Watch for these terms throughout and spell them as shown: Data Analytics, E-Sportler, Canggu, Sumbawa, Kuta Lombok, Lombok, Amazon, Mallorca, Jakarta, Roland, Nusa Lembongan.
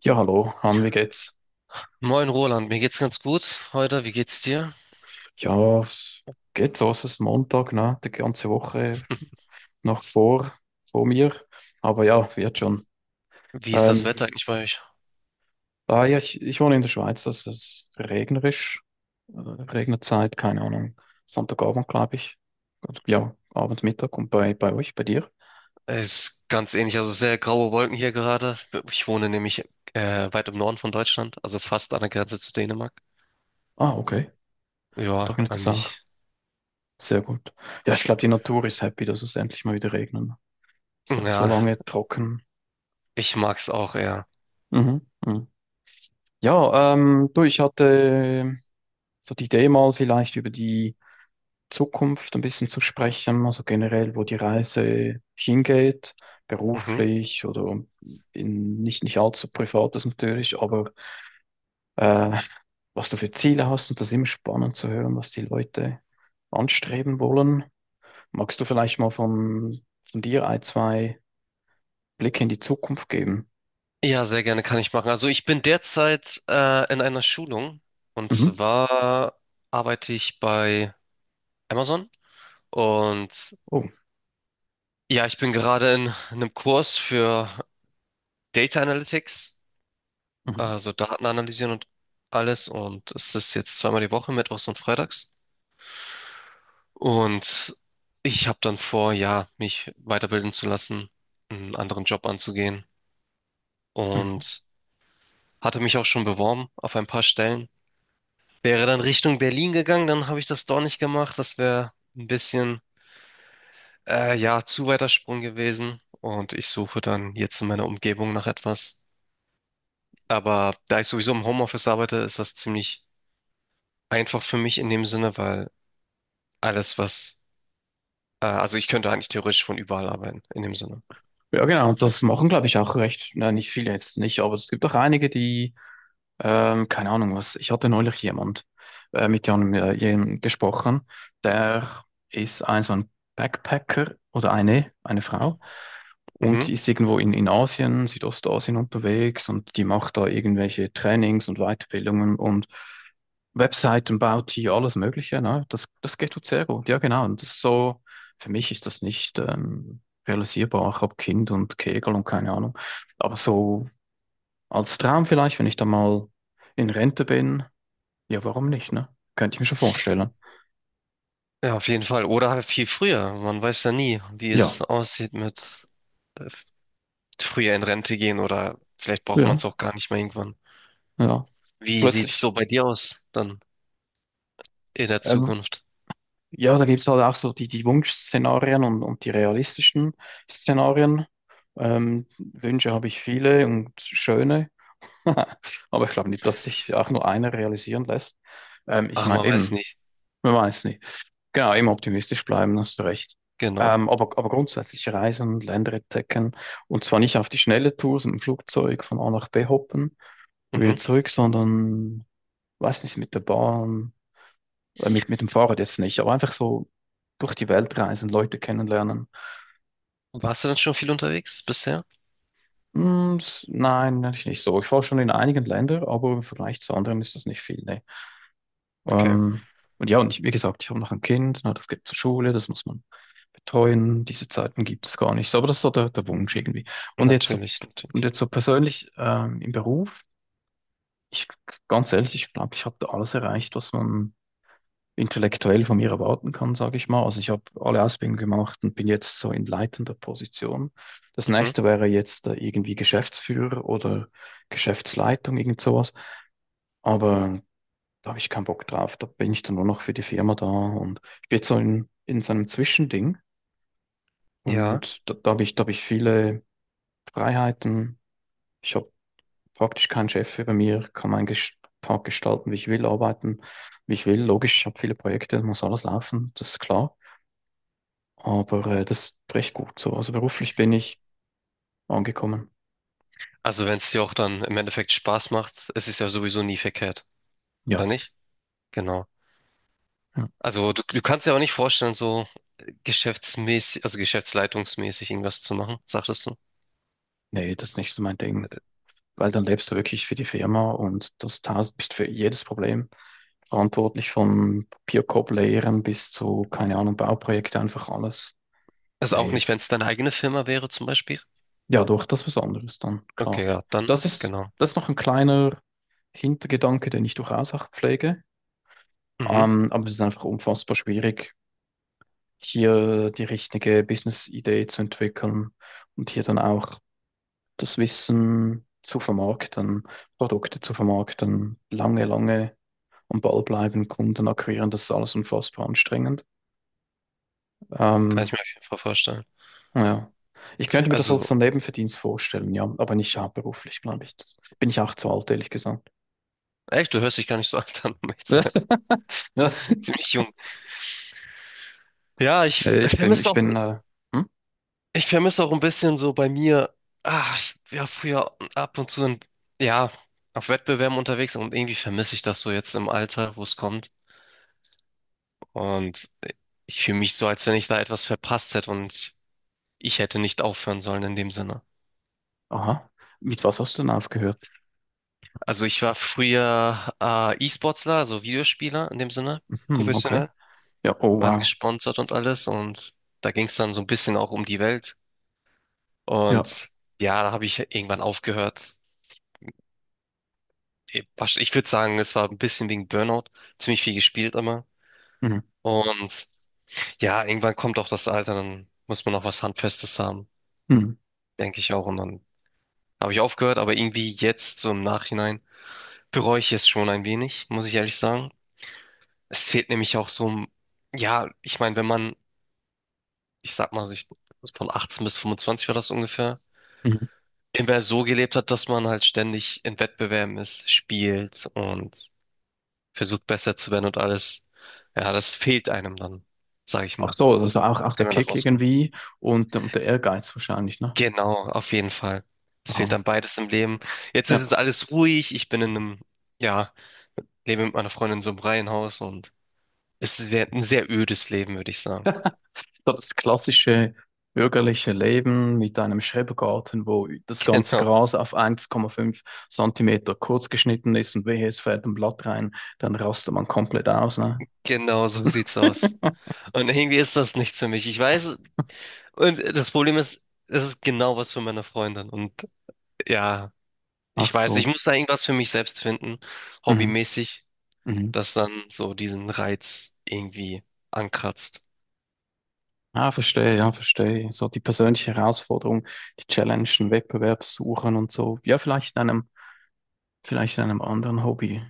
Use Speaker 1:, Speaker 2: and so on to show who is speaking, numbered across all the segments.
Speaker 1: Ja, hallo, Han, wie geht's?
Speaker 2: Moin Roland, mir geht's ganz gut heute. Wie geht's dir?
Speaker 1: Ja, es geht so, es ist Montag, ne? Die ganze Woche noch vor mir. Aber ja, wird schon.
Speaker 2: Wie ist das
Speaker 1: Ähm,
Speaker 2: Wetter eigentlich bei euch?
Speaker 1: ja, ich wohne in der Schweiz, es ist regnerisch. Regnerzeit, keine Ahnung. Sonntagabend, glaube ich. Und ja, Abend, Mittag und bei euch, bei dir.
Speaker 2: Es ist ganz ähnlich, also sehr graue Wolken hier gerade. Ich wohne nämlich weit im Norden von Deutschland, also fast an der Grenze zu Dänemark.
Speaker 1: Ah, okay. Und da
Speaker 2: Ja,
Speaker 1: regnet es auch.
Speaker 2: eigentlich.
Speaker 1: Sehr gut. Ja, ich glaube, die Natur ist happy, dass es endlich mal wieder regnet. Es wird so
Speaker 2: Ja,
Speaker 1: lange trocken.
Speaker 2: ich mag's auch eher.
Speaker 1: Mhm, mhm. Ja, du, ich hatte so die Idee, mal vielleicht über die Zukunft ein bisschen zu sprechen, also generell, wo die Reise hingeht,
Speaker 2: Mhm.
Speaker 1: beruflich oder in nicht allzu privates natürlich, aber äh, was du für Ziele hast, und das ist immer spannend zu hören, was die Leute anstreben wollen. Magst du vielleicht mal von dir ein, zwei Blicke in die Zukunft geben?
Speaker 2: Ja, sehr gerne kann ich machen. Also ich bin derzeit in einer Schulung, und
Speaker 1: Mhm.
Speaker 2: zwar arbeite ich bei Amazon. Und
Speaker 1: Oh.
Speaker 2: ja, ich bin gerade in einem Kurs für Data Analytics,
Speaker 1: Mhm.
Speaker 2: also Daten analysieren und alles. Und es ist jetzt zweimal die Woche, mittwochs und freitags. Und ich habe dann vor, ja, mich weiterbilden zu lassen, einen anderen Job anzugehen,
Speaker 1: Mhm.
Speaker 2: und hatte mich auch schon beworben auf ein paar Stellen. Wäre dann Richtung Berlin gegangen, dann habe ich das doch nicht gemacht. Das wäre ein bisschen, ja, zu weiter Sprung gewesen. Und ich suche dann jetzt in meiner Umgebung nach etwas. Aber da ich sowieso im Homeoffice arbeite, ist das ziemlich einfach für mich in dem Sinne, weil alles, was also ich könnte eigentlich theoretisch von überall arbeiten, in dem Sinne.
Speaker 1: Ja, genau, und das machen, glaube ich, auch recht, nein, nicht viele jetzt nicht, aber es gibt auch einige, die keine Ahnung was. Ich hatte neulich jemand, mit gesprochen, der ist ein so ein Backpacker, oder eine Frau, und
Speaker 2: Mhm.
Speaker 1: die ist irgendwo in Asien, Südostasien unterwegs, und die macht da irgendwelche Trainings und Weiterbildungen und Webseiten baut hier, alles Mögliche. Ne? Das geht gut, sehr gut. Ja, genau. Und das ist so, für mich ist das nicht realisierbar. Ich habe Kind und Kegel und keine Ahnung. Aber so als Traum vielleicht, wenn ich da mal in Rente bin. Ja, warum nicht, ne? Könnte ich mir schon vorstellen.
Speaker 2: Ja, auf jeden Fall. Oder halt viel früher. Man weiß ja nie, wie es
Speaker 1: Ja,
Speaker 2: aussieht mit äh, früher in Rente gehen, oder vielleicht braucht man
Speaker 1: ja,
Speaker 2: es auch gar nicht mehr irgendwann.
Speaker 1: ja.
Speaker 2: Wie sieht's
Speaker 1: Plötzlich,
Speaker 2: so bei dir aus dann in der
Speaker 1: ähm,
Speaker 2: Zukunft?
Speaker 1: ja, da gibt es halt auch so die Wunschszenarien und die realistischen Szenarien. Wünsche habe ich viele und schöne. Aber ich glaube nicht, dass sich auch nur einer realisieren lässt. Ich
Speaker 2: Ach,
Speaker 1: meine
Speaker 2: man weiß
Speaker 1: eben,
Speaker 2: nicht.
Speaker 1: man weiß nie. Genau, immer optimistisch bleiben, hast du recht.
Speaker 2: Genau.
Speaker 1: Aber grundsätzlich reisen, Länder entdecken, und zwar nicht auf die schnelle Tour, so mit dem Flugzeug von A nach B hoppen und wieder
Speaker 2: Mhm.
Speaker 1: zurück, sondern, weiß nicht, mit der Bahn, mit dem Fahrrad jetzt nicht, aber einfach so durch die Welt reisen, Leute kennenlernen.
Speaker 2: Warst du denn schon viel unterwegs bisher?
Speaker 1: Hm, nein, natürlich nicht so. Ich war schon in einigen Ländern, aber im Vergleich zu anderen ist das nicht viel, ne.
Speaker 2: Okay.
Speaker 1: Ähm, und ja, wie gesagt, ich habe noch ein Kind, na, das geht zur Schule, das muss man betreuen. Diese Zeiten gibt es gar nicht. So, aber das ist so der Wunsch irgendwie. Und jetzt so,
Speaker 2: Natürlich,
Speaker 1: und
Speaker 2: natürlich.
Speaker 1: jetzt so persönlich im Beruf, ich ganz ehrlich, ich glaube, ich habe da alles erreicht, was man intellektuell von mir erwarten kann, sage ich mal. Also ich habe alle Ausbildungen gemacht und bin jetzt so in leitender Position. Das
Speaker 2: Mhm.
Speaker 1: nächste wäre jetzt irgendwie Geschäftsführer oder Geschäftsleitung, irgend sowas. Aber da habe ich keinen Bock drauf. Da bin ich dann nur noch für die Firma da, und ich bin jetzt so in so einem Zwischending,
Speaker 2: Ja.
Speaker 1: und da habe ich viele Freiheiten. Ich habe praktisch keinen Chef über mir, kann meinen Tag gestalten, wie ich will, arbeiten, wie ich will. Logisch, ich habe viele Projekte, muss alles laufen, das ist klar. Aber das ist recht gut so. Also beruflich bin ich angekommen.
Speaker 2: Also wenn es dir auch dann im Endeffekt Spaß macht, es ist ja sowieso nie verkehrt, oder
Speaker 1: Ja.
Speaker 2: nicht? Genau.
Speaker 1: Ja.
Speaker 2: Also du kannst dir aber nicht vorstellen, so geschäftsmäßig, also geschäftsleitungsmäßig irgendwas zu machen, sagtest du?
Speaker 1: Nee, das ist nicht so mein Ding. Weil dann lebst du wirklich für die Firma und das tausend, bist für jedes Problem verantwortlich, von Papierkorb leeren bis zu, keine Ahnung, Bauprojekte, einfach alles.
Speaker 2: Also auch
Speaker 1: Nee,
Speaker 2: nicht, wenn
Speaker 1: ist
Speaker 2: es deine eigene Firma wäre zum Beispiel?
Speaker 1: ja doch das was anderes dann,
Speaker 2: Okay,
Speaker 1: klar.
Speaker 2: ja, dann,
Speaker 1: Das ist,
Speaker 2: genau.
Speaker 1: das ist noch ein kleiner Hintergedanke, den ich durchaus auch pflege.
Speaker 2: Mhm,
Speaker 1: Aber es ist einfach unfassbar schwierig, hier die richtige Business-Idee zu entwickeln und hier dann auch das Wissen zu vermarkten, Produkte zu vermarkten, lange, lange am Ball bleiben, Kunden akquirieren, das ist alles unfassbar anstrengend.
Speaker 2: kann
Speaker 1: Ähm,
Speaker 2: ich mir auf jeden Fall vorstellen.
Speaker 1: ja. Ich könnte mir das als
Speaker 2: Also,
Speaker 1: so einen Nebenverdienst vorstellen, ja, aber nicht hauptberuflich, glaube ich. Das bin ich auch zu alt, ehrlich gesagt.
Speaker 2: echt, du hörst dich gar nicht so alt an, um echt zu sein.
Speaker 1: Ja,
Speaker 2: Ziemlich jung. Ja, ich
Speaker 1: nee,
Speaker 2: vermisse auch,
Speaker 1: hm?
Speaker 2: ich vermisse auch ein bisschen so bei mir, ah, ich war früher ab und zu in, ja, auf Wettbewerben unterwegs, und irgendwie vermisse ich das so jetzt im Alter, wo es kommt. Und ich fühle mich so, als wenn ich da etwas verpasst hätte und ich hätte nicht aufhören sollen in dem Sinne.
Speaker 1: Aha. Mit was hast du denn aufgehört?
Speaker 2: Also ich war früher E-Sportler, also Videospieler in dem Sinne,
Speaker 1: Hm, okay.
Speaker 2: professionell,
Speaker 1: Ja, oh
Speaker 2: waren
Speaker 1: wow.
Speaker 2: gesponsert und alles, und da ging es dann so ein bisschen auch um die Welt,
Speaker 1: Ja.
Speaker 2: und ja, da habe ich irgendwann aufgehört. Ich würde sagen, es war ein bisschen wegen Burnout, ziemlich viel gespielt immer,
Speaker 1: Mhm.
Speaker 2: und ja, irgendwann kommt auch das Alter, dann muss man auch was Handfestes haben,
Speaker 1: Mhm.
Speaker 2: denke ich auch, und dann habe ich aufgehört, aber irgendwie jetzt so im Nachhinein bereue ich es schon ein wenig, muss ich ehrlich sagen. Es fehlt nämlich auch so, ein- ja, ich meine, wenn man, ich sag mal, sich von 18 bis 25 war das ungefähr,
Speaker 1: Mhm.
Speaker 2: immer so gelebt hat, dass man halt ständig in Wettbewerben ist, spielt und versucht besser zu werden und alles. Ja, das fehlt einem dann, sag ich
Speaker 1: Ach
Speaker 2: mal,
Speaker 1: so, also auch, auch der
Speaker 2: nachdem man da
Speaker 1: Kick
Speaker 2: rauskommt.
Speaker 1: irgendwie und der Ehrgeiz wahrscheinlich, ne?
Speaker 2: Genau, auf jeden Fall. Es fehlt
Speaker 1: Aha.
Speaker 2: dann beides im Leben. Jetzt ist es
Speaker 1: Ja.
Speaker 2: alles ruhig. Ich bin in einem, ja, lebe mit meiner Freundin in so einem Reihenhaus, und es ist sehr- ein sehr ödes Leben, würde ich sagen.
Speaker 1: So das klassische bürgerliche Leben mit einem Schrebergarten, wo das ganze
Speaker 2: Genau,
Speaker 1: Gras auf 1,5 Zentimeter kurz geschnitten ist und wehe, es fällt ein Blatt rein, dann rastet man komplett aus, ne?
Speaker 2: genau so sieht's aus. Und irgendwie ist das nichts für mich. Ich weiß. Und das Problem ist, es ist genau was für meine Freundin. Und ja, ich
Speaker 1: Ach
Speaker 2: weiß, ich
Speaker 1: so.
Speaker 2: muss da irgendwas für mich selbst finden,
Speaker 1: Mhm.
Speaker 2: hobbymäßig,
Speaker 1: Mhm.
Speaker 2: das dann so diesen Reiz irgendwie ankratzt.
Speaker 1: Ah, verstehe, ja, verstehe. So die persönliche Herausforderung, die Challenge, den Wettbewerb suchen und so. Ja, vielleicht in einem anderen Hobby.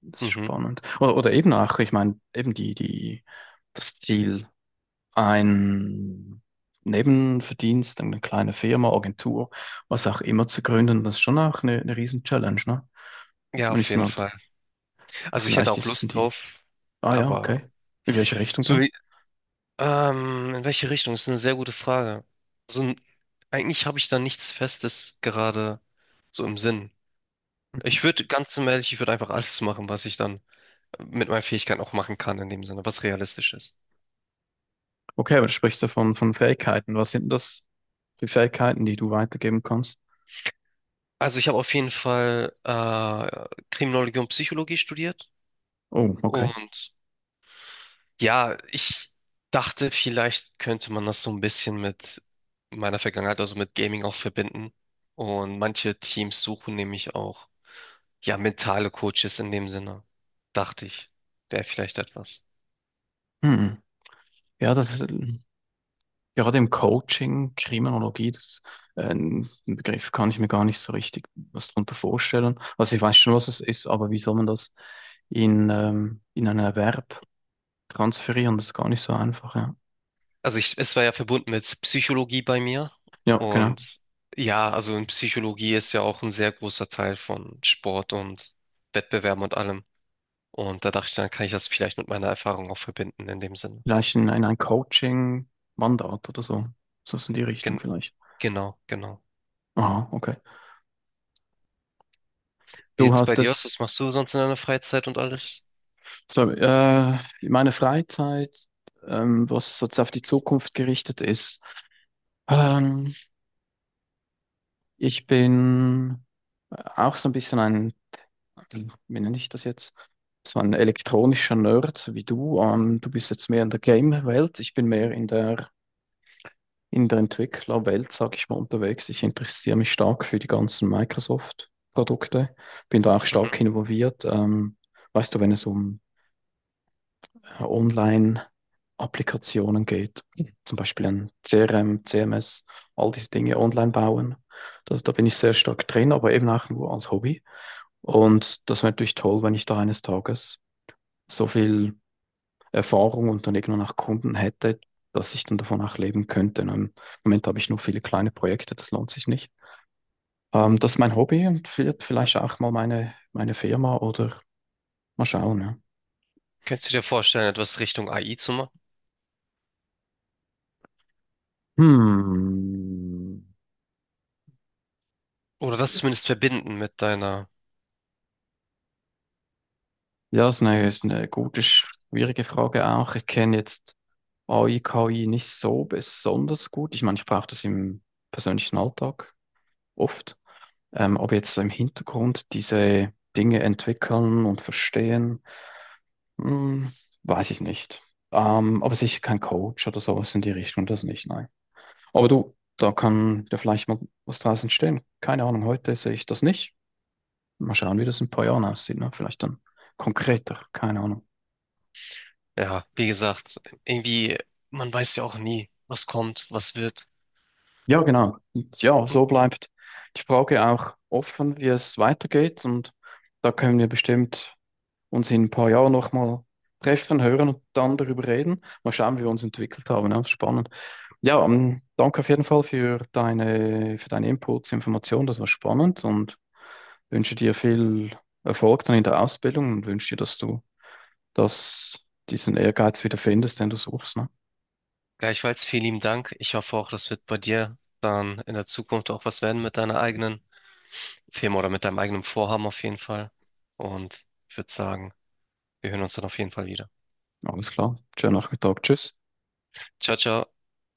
Speaker 1: Das ist
Speaker 2: Mhm.
Speaker 1: spannend. Oder eben auch, ich meine, eben das Ziel, ein Nebenverdienst, eine kleine Firma, Agentur, was auch immer zu gründen, das ist schon auch eine Riesen-Challenge, ne?
Speaker 2: Ja,
Speaker 1: Man
Speaker 2: auf
Speaker 1: ist dann
Speaker 2: jeden
Speaker 1: halt,
Speaker 2: Fall. Also ich hätte
Speaker 1: vielleicht
Speaker 2: auch
Speaker 1: ist es
Speaker 2: Lust
Speaker 1: die,
Speaker 2: drauf,
Speaker 1: ah ja,
Speaker 2: aber
Speaker 1: okay. In welche Richtung
Speaker 2: so,
Speaker 1: denn?
Speaker 2: in welche Richtung? Das ist eine sehr gute Frage. So, ein- eigentlich habe ich da nichts Festes gerade so im Sinn. Ich würde, ganz zum ehrlich, ich würde einfach alles machen, was ich dann mit meinen Fähigkeiten auch machen kann in dem Sinne, was realistisch ist.
Speaker 1: Okay, aber du sprichst ja von Fähigkeiten. Was sind denn das für Fähigkeiten, die du weitergeben kannst?
Speaker 2: Also ich habe auf jeden Fall Kriminologie und Psychologie studiert,
Speaker 1: Oh, okay.
Speaker 2: und ja, ich dachte, vielleicht könnte man das so ein bisschen mit meiner Vergangenheit, also mit Gaming auch verbinden. Und manche Teams suchen nämlich auch ja mentale Coaches in dem Sinne, dachte ich, wäre vielleicht etwas.
Speaker 1: Hm. Ja, das ist, gerade im Coaching, Kriminologie, das, ein Begriff, kann ich mir gar nicht so richtig was darunter vorstellen. Also ich weiß schon, was es ist, aber wie soll man das in einen Erwerb transferieren? Das ist gar nicht so einfach, ja.
Speaker 2: Also ich, es war ja verbunden mit Psychologie bei mir,
Speaker 1: Ja, genau.
Speaker 2: und ja, also in Psychologie ist ja auch ein sehr großer Teil von Sport und Wettbewerben und allem. Und da dachte ich, dann kann ich das vielleicht mit meiner Erfahrung auch verbinden in dem Sinne.
Speaker 1: Vielleicht in ein Coaching-Mandat oder so. So ist in die Richtung
Speaker 2: Gen
Speaker 1: vielleicht.
Speaker 2: genau, genau.
Speaker 1: Aha, okay.
Speaker 2: Wie
Speaker 1: Du
Speaker 2: sieht's bei dir aus?
Speaker 1: hattest
Speaker 2: Was machst du sonst in deiner Freizeit und alles?
Speaker 1: so, meine Freizeit, was so auf die Zukunft gerichtet ist. Ähm, Ich bin auch so ein bisschen ein, wie nenne ich das jetzt? So ein elektronischer Nerd so wie du. Du bist jetzt mehr in der Game-Welt. Ich bin mehr in der Entwicklerwelt, sage ich mal, unterwegs. Ich interessiere mich stark für die ganzen Microsoft-Produkte. Bin da auch
Speaker 2: Mhm.
Speaker 1: stark involviert. Weißt du, wenn es um Online-Applikationen geht, zum Beispiel ein CRM, CMS, all diese Dinge online bauen. Da bin ich sehr stark drin, aber eben auch nur als Hobby. Und das wäre natürlich toll, wenn ich da eines Tages so viel Erfahrung und dann irgendwann auch Kunden hätte, dass ich dann davon auch leben könnte. Und im Moment habe ich nur viele kleine Projekte, das lohnt sich nicht. Das ist mein Hobby und wird vielleicht auch mal meine Firma oder mal schauen. Ja.
Speaker 2: Könntest du dir vorstellen, etwas Richtung AI zu machen?
Speaker 1: Hm.
Speaker 2: Oder das
Speaker 1: Yes.
Speaker 2: zumindest verbinden mit deiner,
Speaker 1: Ja, ist eine gute, schwierige Frage auch. Ich kenne jetzt AI, KI nicht so besonders gut. Ich meine, ich brauche das im persönlichen Alltag oft. Ob jetzt so im Hintergrund diese Dinge entwickeln und verstehen, hm, weiß ich nicht. Aber sicher kein Coach oder sowas in die Richtung, das nicht, nein. Aber du, da kann ja vielleicht mal was draus entstehen. Keine Ahnung, heute sehe ich das nicht. Mal schauen, wie das in ein paar Jahren aussieht, ne? Vielleicht dann konkreter, keine Ahnung.
Speaker 2: ja, wie gesagt, irgendwie, man weiß ja auch nie, was kommt, was wird.
Speaker 1: Ja, genau. Und ja,
Speaker 2: Und
Speaker 1: so bleibt die Frage auch offen, wie es weitergeht, und da können wir bestimmt uns in ein paar Jahren nochmal treffen, hören und dann darüber reden. Mal schauen, wie wir uns entwickelt haben. Ja, spannend. Ja, danke auf jeden Fall für für deine Inputs, Informationen. Das war spannend, und wünsche dir viel Erfolg dann in der Ausbildung und wünsche dir, dass du das, diesen Ehrgeiz wieder findest, den du suchst. Ne?
Speaker 2: gleichfalls vielen lieben Dank. Ich hoffe auch, das wird bei dir dann in der Zukunft auch was werden mit deiner eigenen Firma oder mit deinem eigenen Vorhaben auf jeden Fall. Und ich würde sagen, wir hören uns dann auf jeden Fall wieder.
Speaker 1: Alles klar. Schönen Nachmittag. Tschüss.
Speaker 2: Ciao, ciao.